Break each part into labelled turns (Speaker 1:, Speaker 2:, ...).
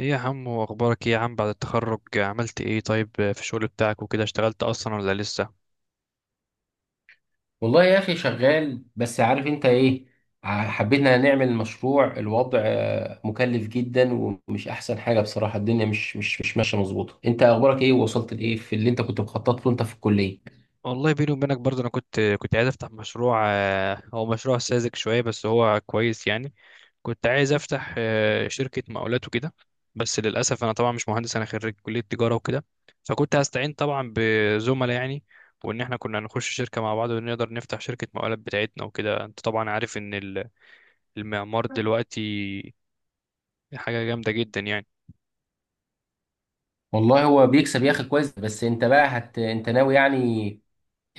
Speaker 1: ايه يا عم؟ واخبارك ايه يا عم؟ بعد التخرج عملت ايه؟ طيب في الشغل بتاعك وكده اشتغلت اصلا ولا لسه؟
Speaker 2: والله يا اخي شغال، بس عارف انت ايه. حبينا نعمل مشروع. الوضع مكلف جدا، ومش احسن حاجه بصراحه. الدنيا مش ماشيه مظبوطه. انت اخبارك ايه؟ ووصلت لايه في اللي انت كنت مخطط له انت في الكليه؟
Speaker 1: والله بيني وبينك برضه انا كنت عايز افتح مشروع، هو مشروع ساذج شويه بس هو كويس يعني. كنت عايز افتح شركه مقاولات وكده. بس للاسف انا طبعا مش مهندس، انا خريج كليه تجاره وكده. فكنت هستعين طبعا بزملاء يعني، وان احنا كنا هنخش شركه مع بعض، ونقدر نفتح شركه مقاولات بتاعتنا وكده. انت طبعا عارف ان المعمار دلوقتي حاجه جامده جدا يعني.
Speaker 2: والله هو بيكسب يا اخي كويس. بس انت بقى انت ناوي يعني،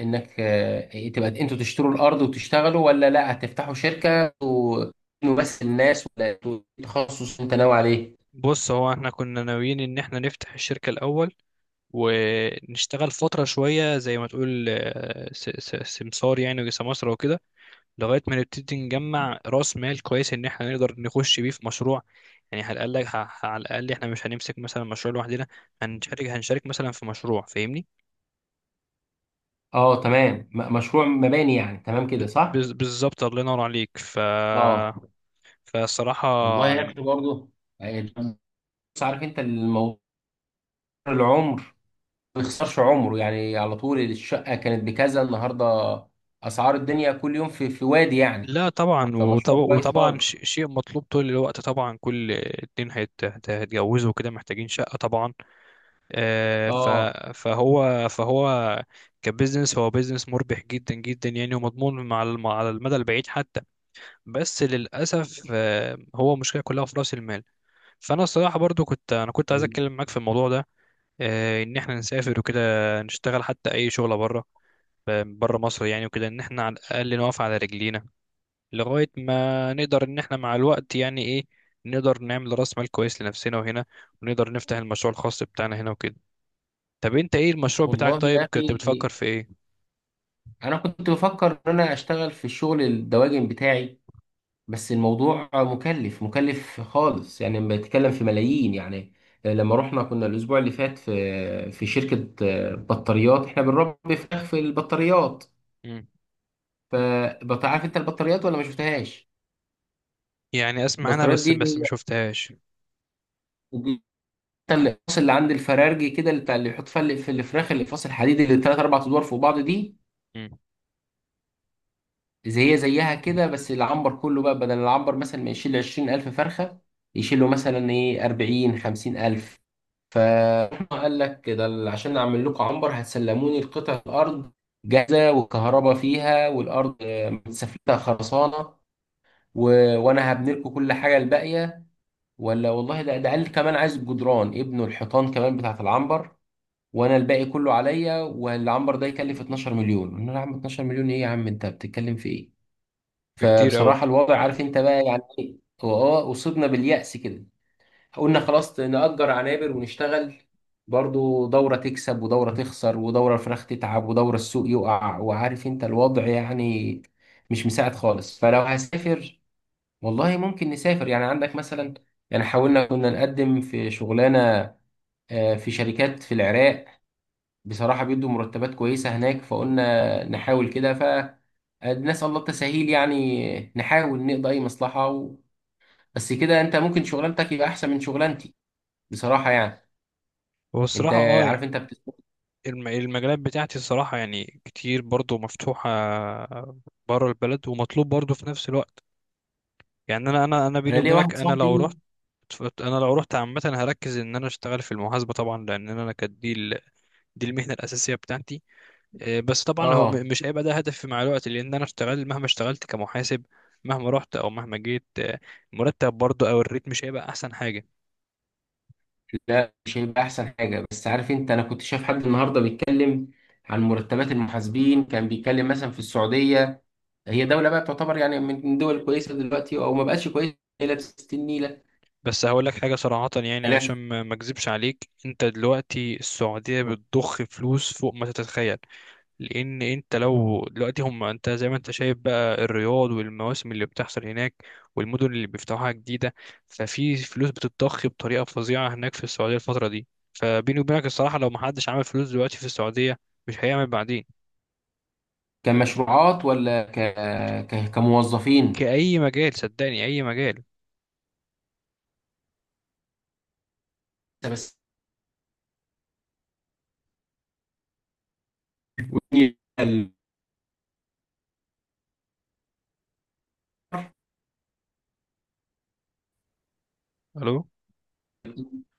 Speaker 2: انك آه، إيه، تبقى انتوا تشتروا الارض وتشتغلوا، ولا لا هتفتحوا شركه. بس الناس، ولا إنتوا، إيه التخصص اللي انت ناوي عليه؟
Speaker 1: بص، هو احنا كنا ناويين ان احنا نفتح الشركة الاول، ونشتغل فترة شوية زي ما تقول سمسار يعني، وسمسرة وكده، لغاية ما نبتدي نجمع راس مال كويس ان احنا نقدر نخش بيه في مشروع. يعني على الاقل على الاقل احنا مش هنمسك مثلا مشروع لوحدنا، هنشارك مثلا في مشروع، فاهمني؟
Speaker 2: اه تمام. مشروع مباني يعني، تمام كده صح؟
Speaker 1: بالظبط، الله ينور عليك. ف
Speaker 2: اه،
Speaker 1: فالصراحة
Speaker 2: والله يا
Speaker 1: يعني،
Speaker 2: اخي برضه، يعني. بس عارف انت الموضوع، العمر ما يخسرش عمره يعني. على طول الشقه كانت بكذا، النهارده اسعار الدنيا كل يوم في وادي يعني.
Speaker 1: لا طبعا
Speaker 2: فمشروع كويس
Speaker 1: وطبعا
Speaker 2: خالص.
Speaker 1: شيء مطلوب طول الوقت طبعا، كل اتنين هيتجوزوا كده محتاجين شقة طبعا. آه، ف-
Speaker 2: اه.
Speaker 1: فهو فهو كبزنس، هو بزنس مربح جدا جدا يعني، ومضمون مع على المدى البعيد حتى. بس للأسف هو مشكلة كلها في رأس المال. فأنا الصراحة برضو كنت عايز
Speaker 2: وال-
Speaker 1: أتكلم معاك في الموضوع ده. إن إحنا نسافر وكده، نشتغل حتى أي شغلة بره، بره مصر يعني وكده، إن إحنا على الأقل نقف على رجلينا، لغاية ما نقدر إن إحنا مع الوقت يعني إيه، نقدر نعمل رأس مال كويس لنفسنا وهنا، ونقدر نفتح المشروع الخاص بتاعنا هنا وكده. طب أنت إيه المشروع بتاعك؟
Speaker 2: والله يا
Speaker 1: طيب كنت
Speaker 2: اخي،
Speaker 1: بتفكر في إيه؟
Speaker 2: انا كنت بفكر ان انا اشتغل في الشغل الدواجن بتاعي، بس الموضوع مكلف مكلف خالص يعني. بتكلم في ملايين يعني. لما رحنا كنا الاسبوع اللي فات في شركه بطاريات، احنا بنربي فراخ في البطاريات.
Speaker 1: مم.
Speaker 2: عارف انت البطاريات ولا ما شفتهاش؟
Speaker 1: يعني أسمع أنا
Speaker 2: البطاريات
Speaker 1: بس
Speaker 2: دي اللي
Speaker 1: ما
Speaker 2: هي
Speaker 1: شفتهاش.
Speaker 2: دي الاقفاص اللي عند الفرارجي كده، اللي بتاع اللي بيحط فيها، اللي في الفراخ، الاقفاص الحديد اللي ثلاث اربع ادوار فوق بعض دي.
Speaker 1: مم.
Speaker 2: زي هي زيها كده، بس العنبر كله بقى، بدل العنبر مثلا ما يشيل 20000 فرخه، يشيل له مثلا ايه، 40 50000. فقال لك، ده عشان اعمل لكم عنبر هتسلموني القطع، الارض جاهزه والكهرباء فيها والارض متسفلتها خرسانه و... وانا هبني لكم كل حاجه الباقيه. ولا والله ده قال كمان عايز بجدران ابنه الحيطان كمان بتاعت العنبر، وانا الباقي كله عليا. والعنبر ده يكلف 12 مليون. قلنا له، يا عم 12 مليون، ايه يا عم؟ انت بتتكلم في ايه؟
Speaker 1: بكتير أوي.
Speaker 2: فبصراحة الوضع عارف انت بقى يعني ايه. هو اصبنا باليأس كده. قلنا خلاص نأجر عنابر ونشتغل. برضو دورة تكسب ودورة تخسر ودورة الفراخ تتعب ودورة السوق يقع، وعارف انت الوضع يعني، مش مساعد خالص. فلو هسافر، والله ممكن نسافر يعني. عندك مثلا، يعني حاولنا كنا نقدم في شغلانة في شركات في العراق. بصراحة بيدوا مرتبات كويسة هناك. فقلنا نحاول كده، فنسأل الله التسهيل يعني. نحاول نقضي أي مصلحة. بس كده أنت ممكن شغلانتك يبقى أحسن من شغلانتي بصراحة، يعني
Speaker 1: هو
Speaker 2: أنت
Speaker 1: الصراحة أه،
Speaker 2: عارف أنت
Speaker 1: المجالات بتاعتي الصراحة يعني كتير برضو مفتوحة بره البلد، ومطلوب برضو في نفس الوقت يعني. أنا
Speaker 2: أنا
Speaker 1: بيني
Speaker 2: ليه
Speaker 1: وبينك،
Speaker 2: واحد صاحبي.
Speaker 1: أنا لو رحت عامة هركز إن أنا أشتغل في المحاسبة طبعا، لأن أنا كدي دي المهنة الأساسية بتاعتي. بس طبعا هو
Speaker 2: آه
Speaker 1: مش هيبقى ده هدفي مع الوقت، لأن أنا اشتغل مهما اشتغلت كمحاسب، مهما رحت أو مهما جيت، المرتب برضه أو الريت مش هيبقى أحسن حاجة.
Speaker 2: لا، مش هيبقى أحسن حاجة. بس عارف أنت، أنا كنت شايف حد النهاردة بيتكلم عن مرتبات المحاسبين. كان بيتكلم مثلا في السعودية. هي دولة بقى بتعتبر يعني من الدول الكويسة دلوقتي، أو ما بقتش كويسة، هي لابسة النيلة.
Speaker 1: بس هقول لك حاجة صراحة يعني
Speaker 2: لا،
Speaker 1: عشان ما أكذبش عليك، أنت دلوقتي السعودية بتضخ فلوس فوق ما تتخيل. لان انت لو دلوقتي هم، انت زي ما انت شايف بقى الرياض والمواسم اللي بتحصل هناك، والمدن اللي بيفتحوها جديده، ففي فلوس بتتضخ بطريقه فظيعه هناك في السعوديه الفتره دي. فبيني وبينك الصراحه، لو محدش عمل فلوس دلوقتي في السعوديه مش هيعمل بعدين.
Speaker 2: كمشروعات ولا كموظفين؟
Speaker 1: كأي مجال، صدقني، أي مجال.
Speaker 2: بس. والنيلة
Speaker 1: ألو.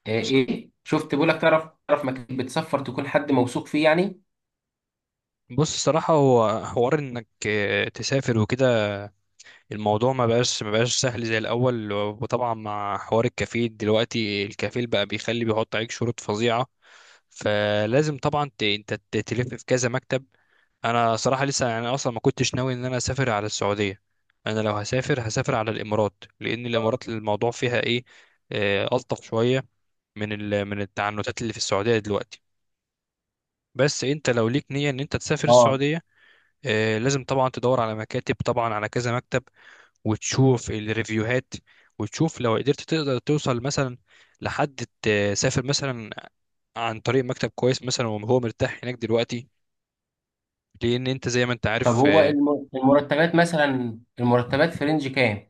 Speaker 2: آه، إيه شفت، بقول لك، تعرف؟ تعرف مكان بتسفر تكون حد موثوق فيه يعني؟
Speaker 1: بص، الصراحة هو حوار إنك تسافر وكده، الموضوع ما بقاش سهل زي الأول، وطبعا مع حوار الكفيل دلوقتي، الكفيل بقى بيخلي، بيحط عليك شروط فظيعة، فلازم طبعا انت تلف في كذا مكتب. انا صراحه لسه يعني اصلا ما كنتش ناوي ان انا اسافر على السعوديه. انا لو هسافر هسافر على الامارات، لان الامارات الموضوع فيها ايه، الطف شويه من من التعنتات اللي في السعوديه دلوقتي. بس انت لو ليك نيه ان انت تسافر
Speaker 2: اه.
Speaker 1: السعوديه، لازم طبعا تدور على مكاتب، طبعا على كذا مكتب، وتشوف الريفيوهات، وتشوف لو قدرت تقدر توصل مثلا لحد تسافر مثلا عن طريق مكتب كويس مثلا وهو مرتاح هناك دلوقتي، لان انت زي ما انت
Speaker 2: طب
Speaker 1: عارف
Speaker 2: هو المرتبات مثلا، المرتبات في رينج كام؟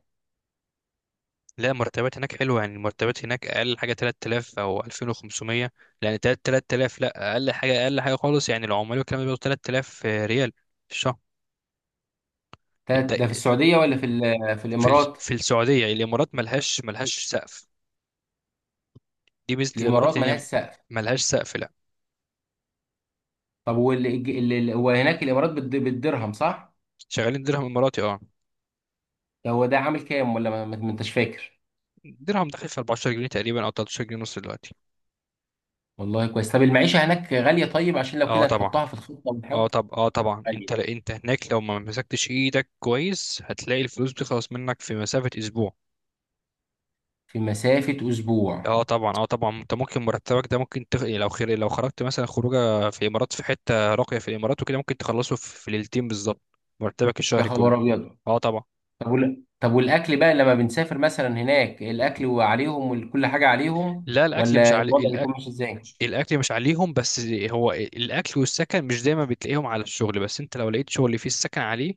Speaker 1: لا، مرتبات هناك حلوه يعني. المرتبات هناك اقل حاجه 3000 او 2500. لان 3000، لا اقل حاجه، اقل حاجه خالص يعني، العمال والكلام ده بياخدوا 3000 ريال في الشهر.
Speaker 2: ده ده في
Speaker 1: الد-
Speaker 2: السعودية ولا في في
Speaker 1: في
Speaker 2: الإمارات؟
Speaker 1: في السعوديه يعني. الامارات ملهاش سقف، دي ميزه
Speaker 2: الإمارات
Speaker 1: الامارات ان
Speaker 2: ملهاش
Speaker 1: هي
Speaker 2: سقف.
Speaker 1: ملهاش سقف لا.
Speaker 2: طب هو هناك الإمارات بالدرهم صح؟
Speaker 1: شغالين درهم اماراتي اه.
Speaker 2: يعني هو ده عامل كام؟ ولا ما انتش فاكر؟
Speaker 1: درهم داخل في 14 جنيه تقريبا، او 13 جنيه ونص دلوقتي.
Speaker 2: والله كويس. طب المعيشة هناك غالية؟ طيب عشان لو
Speaker 1: اه
Speaker 2: كده
Speaker 1: طبعا.
Speaker 2: نحطها في الخطة
Speaker 1: اه
Speaker 2: ونحاول.
Speaker 1: طب اه طبعا، انت
Speaker 2: غالية.
Speaker 1: انت هناك لو ما مسكتش ايدك كويس هتلاقي الفلوس بتخلص منك في مسافه اسبوع.
Speaker 2: في مسافة أسبوع.
Speaker 1: اه طبعا، اه طبعا، انت ممكن مرتبك ده ممكن تخ، يعني لو خير لو خرجت مثلا خروجه في الامارات في حته راقيه في الامارات وكده، ممكن تخلصه في في ليلتين بالظبط، مرتبك
Speaker 2: يا
Speaker 1: الشهري كله.
Speaker 2: خبر أبيض.
Speaker 1: اه طبعا.
Speaker 2: طب طب والأكل بقى لما بنسافر مثلا هناك، الأكل وعليهم، وكل حاجة عليهم،
Speaker 1: لا الاكل مش
Speaker 2: ولا
Speaker 1: علي،
Speaker 2: الوضع بيكون
Speaker 1: الأ،
Speaker 2: ماشي إزاي؟
Speaker 1: الاكل مش عليهم بس، هو الاكل والسكن مش دايما بتلاقيهم على الشغل، بس انت لو لقيت شغل فيه السكن عليه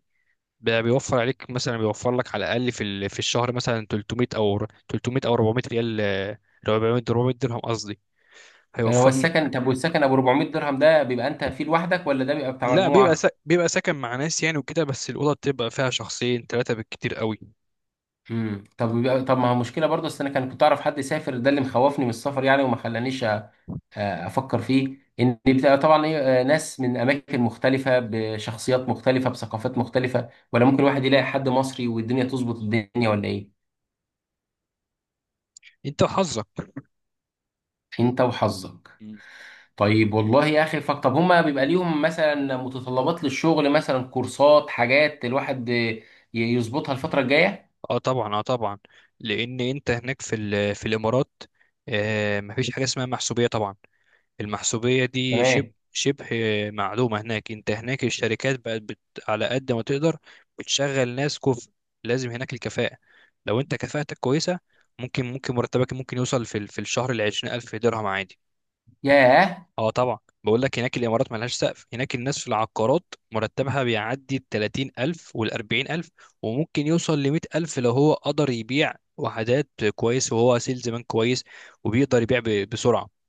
Speaker 1: بقى بيوفر عليك، مثلا بيوفر لك على الاقل في في الشهر مثلا 300 او 400 ريال، 400 درهم قصدي،
Speaker 2: يعني هو
Speaker 1: هيوفر.
Speaker 2: السكن، طب والسكن أبو 400 درهم ده بيبقى أنت فيه لوحدك، ولا ده بيبقى بتاع
Speaker 1: لا بيبقى
Speaker 2: مجموعة؟
Speaker 1: بيبقى ساكن مع ناس يعني وكده، بس الأوضة بتبقى فيها شخصين ثلاثة بالكتير قوي.
Speaker 2: طب طب ما هو مشكلة برضه. أصل أنا كنت أعرف حد يسافر، ده اللي مخوفني من السفر يعني. وما خلانيش افكر فيه، ان بتبقى طبعا ايه، ناس من اماكن مختلفه بشخصيات مختلفه بثقافات مختلفه، ولا ممكن واحد يلاقي حد مصري والدنيا تظبط الدنيا، ولا ايه؟
Speaker 1: انت وحظك.
Speaker 2: انت وحظك.
Speaker 1: مم.
Speaker 2: طيب، والله يا اخي فك. طب هما بيبقى ليهم مثلا متطلبات للشغل، مثلا كورسات، حاجات الواحد يظبطها الفتره الجايه؟
Speaker 1: اه طبعا، اه طبعا، لان انت هناك في في الامارات، آه، مفيش حاجه اسمها محسوبيه طبعا. المحسوبيه دي شبه
Speaker 2: تمام.
Speaker 1: شبه معدومه هناك. انت هناك الشركات بقت بت، على قد ما تقدر بتشغل ناس كفء، لازم هناك الكفاءه. لو انت كفاءتك كويسه، ممكن مرتبك ممكن يوصل في في الشهر ل 20000 درهم عادي.
Speaker 2: ياه.
Speaker 1: اه طبعا. بقول لك هناك الامارات ملهاش سقف، هناك الناس في العقارات مرتبها بيعدي ال 30000 وال 40000، وممكن يوصل ل 100000 لو هو قدر يبيع وحدات كويس، وهو سيلز مان كويس وبيقدر يبيع بسرعه.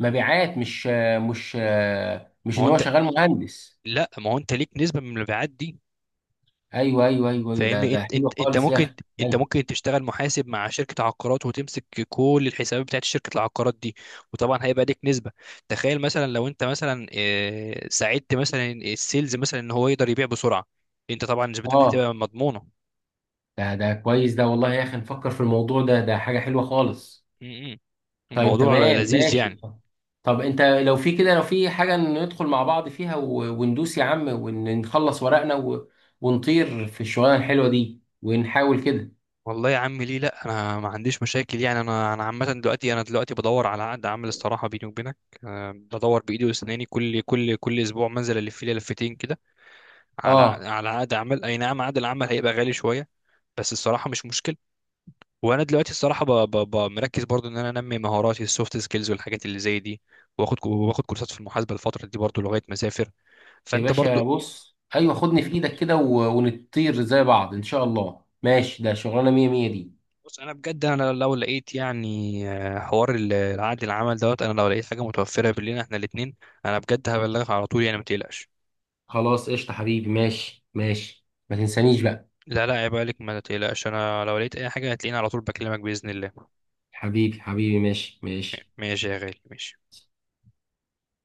Speaker 2: مبيعات، مش
Speaker 1: ما
Speaker 2: ان
Speaker 1: هو
Speaker 2: هو
Speaker 1: انت،
Speaker 2: شغال مهندس؟
Speaker 1: لا ما هو انت ليك نسبه من المبيعات دي،
Speaker 2: ايوه ايوه ايوه، أيوة، ده
Speaker 1: فاهمني؟
Speaker 2: ده
Speaker 1: انت
Speaker 2: حلو
Speaker 1: انت انت
Speaker 2: خالص يا
Speaker 1: ممكن،
Speaker 2: اخي،
Speaker 1: انت
Speaker 2: حلو.
Speaker 1: ممكن تشتغل محاسب مع شركه عقارات وتمسك كل الحسابات بتاعت شركه العقارات دي، وطبعا هيبقى ليك نسبه. تخيل مثلا لو انت مثلا ساعدت مثلا السيلز مثلا ان هو يقدر يبيع بسرعه، انت طبعا نسبتك
Speaker 2: اه.
Speaker 1: هتبقى مضمونه.
Speaker 2: ده كويس، ده والله يا اخي نفكر في الموضوع ده، ده حاجة حلوة خالص.
Speaker 1: م- م.
Speaker 2: طيب
Speaker 1: الموضوع
Speaker 2: تمام
Speaker 1: لذيذ يعني.
Speaker 2: ماشي. طب انت لو في كده، لو في حاجة ندخل مع بعض فيها، وندوس يا عم، ونخلص ورقنا، ونطير في الشغلانة الحلوة دي، ونحاول كده.
Speaker 1: والله يا عم ليه لا، انا ما عنديش مشاكل يعني. انا انا عامه دلوقتي، انا دلوقتي بدور على عقد عمل الصراحه بيني وبينك. بدور بايدي واسناني، كل اسبوع منزل الف لي لفتين كده على
Speaker 2: اه
Speaker 1: على عقد عمل. اي نعم عقد العمل هيبقى غالي شويه، بس الصراحه مش مشكل. وانا دلوقتي الصراحه مركز برضو ان انا انمي مهاراتي السوفت سكيلز والحاجات اللي زي دي، واخد كورسات في المحاسبه الفتره دي برضو لغايه ما اسافر.
Speaker 2: يا
Speaker 1: فانت برضو،
Speaker 2: باشا، بص، ايوه خدني في ايدك كده، ونطير زي بعض ان شاء الله. ماشي، ده شغلانة مية مية دي.
Speaker 1: بص انا بجد انا لو لقيت يعني، حوار العقد العمل دوت، انا لو لقيت حاجه متوفره بيننا احنا الاثنين، انا بجد هبلغك على طول يعني ما تقلقش.
Speaker 2: خلاص قشطة حبيبي، ماشي ماشي، ما تنسانيش بقى.
Speaker 1: لا لا عيب عليك، ما تقلقش، انا لو لقيت اي حاجه هتلاقيني على طول بكلمك باذن الله.
Speaker 2: حبيبي حبيبي، ماشي ماشي.
Speaker 1: ماشي يا غالي، ماشي.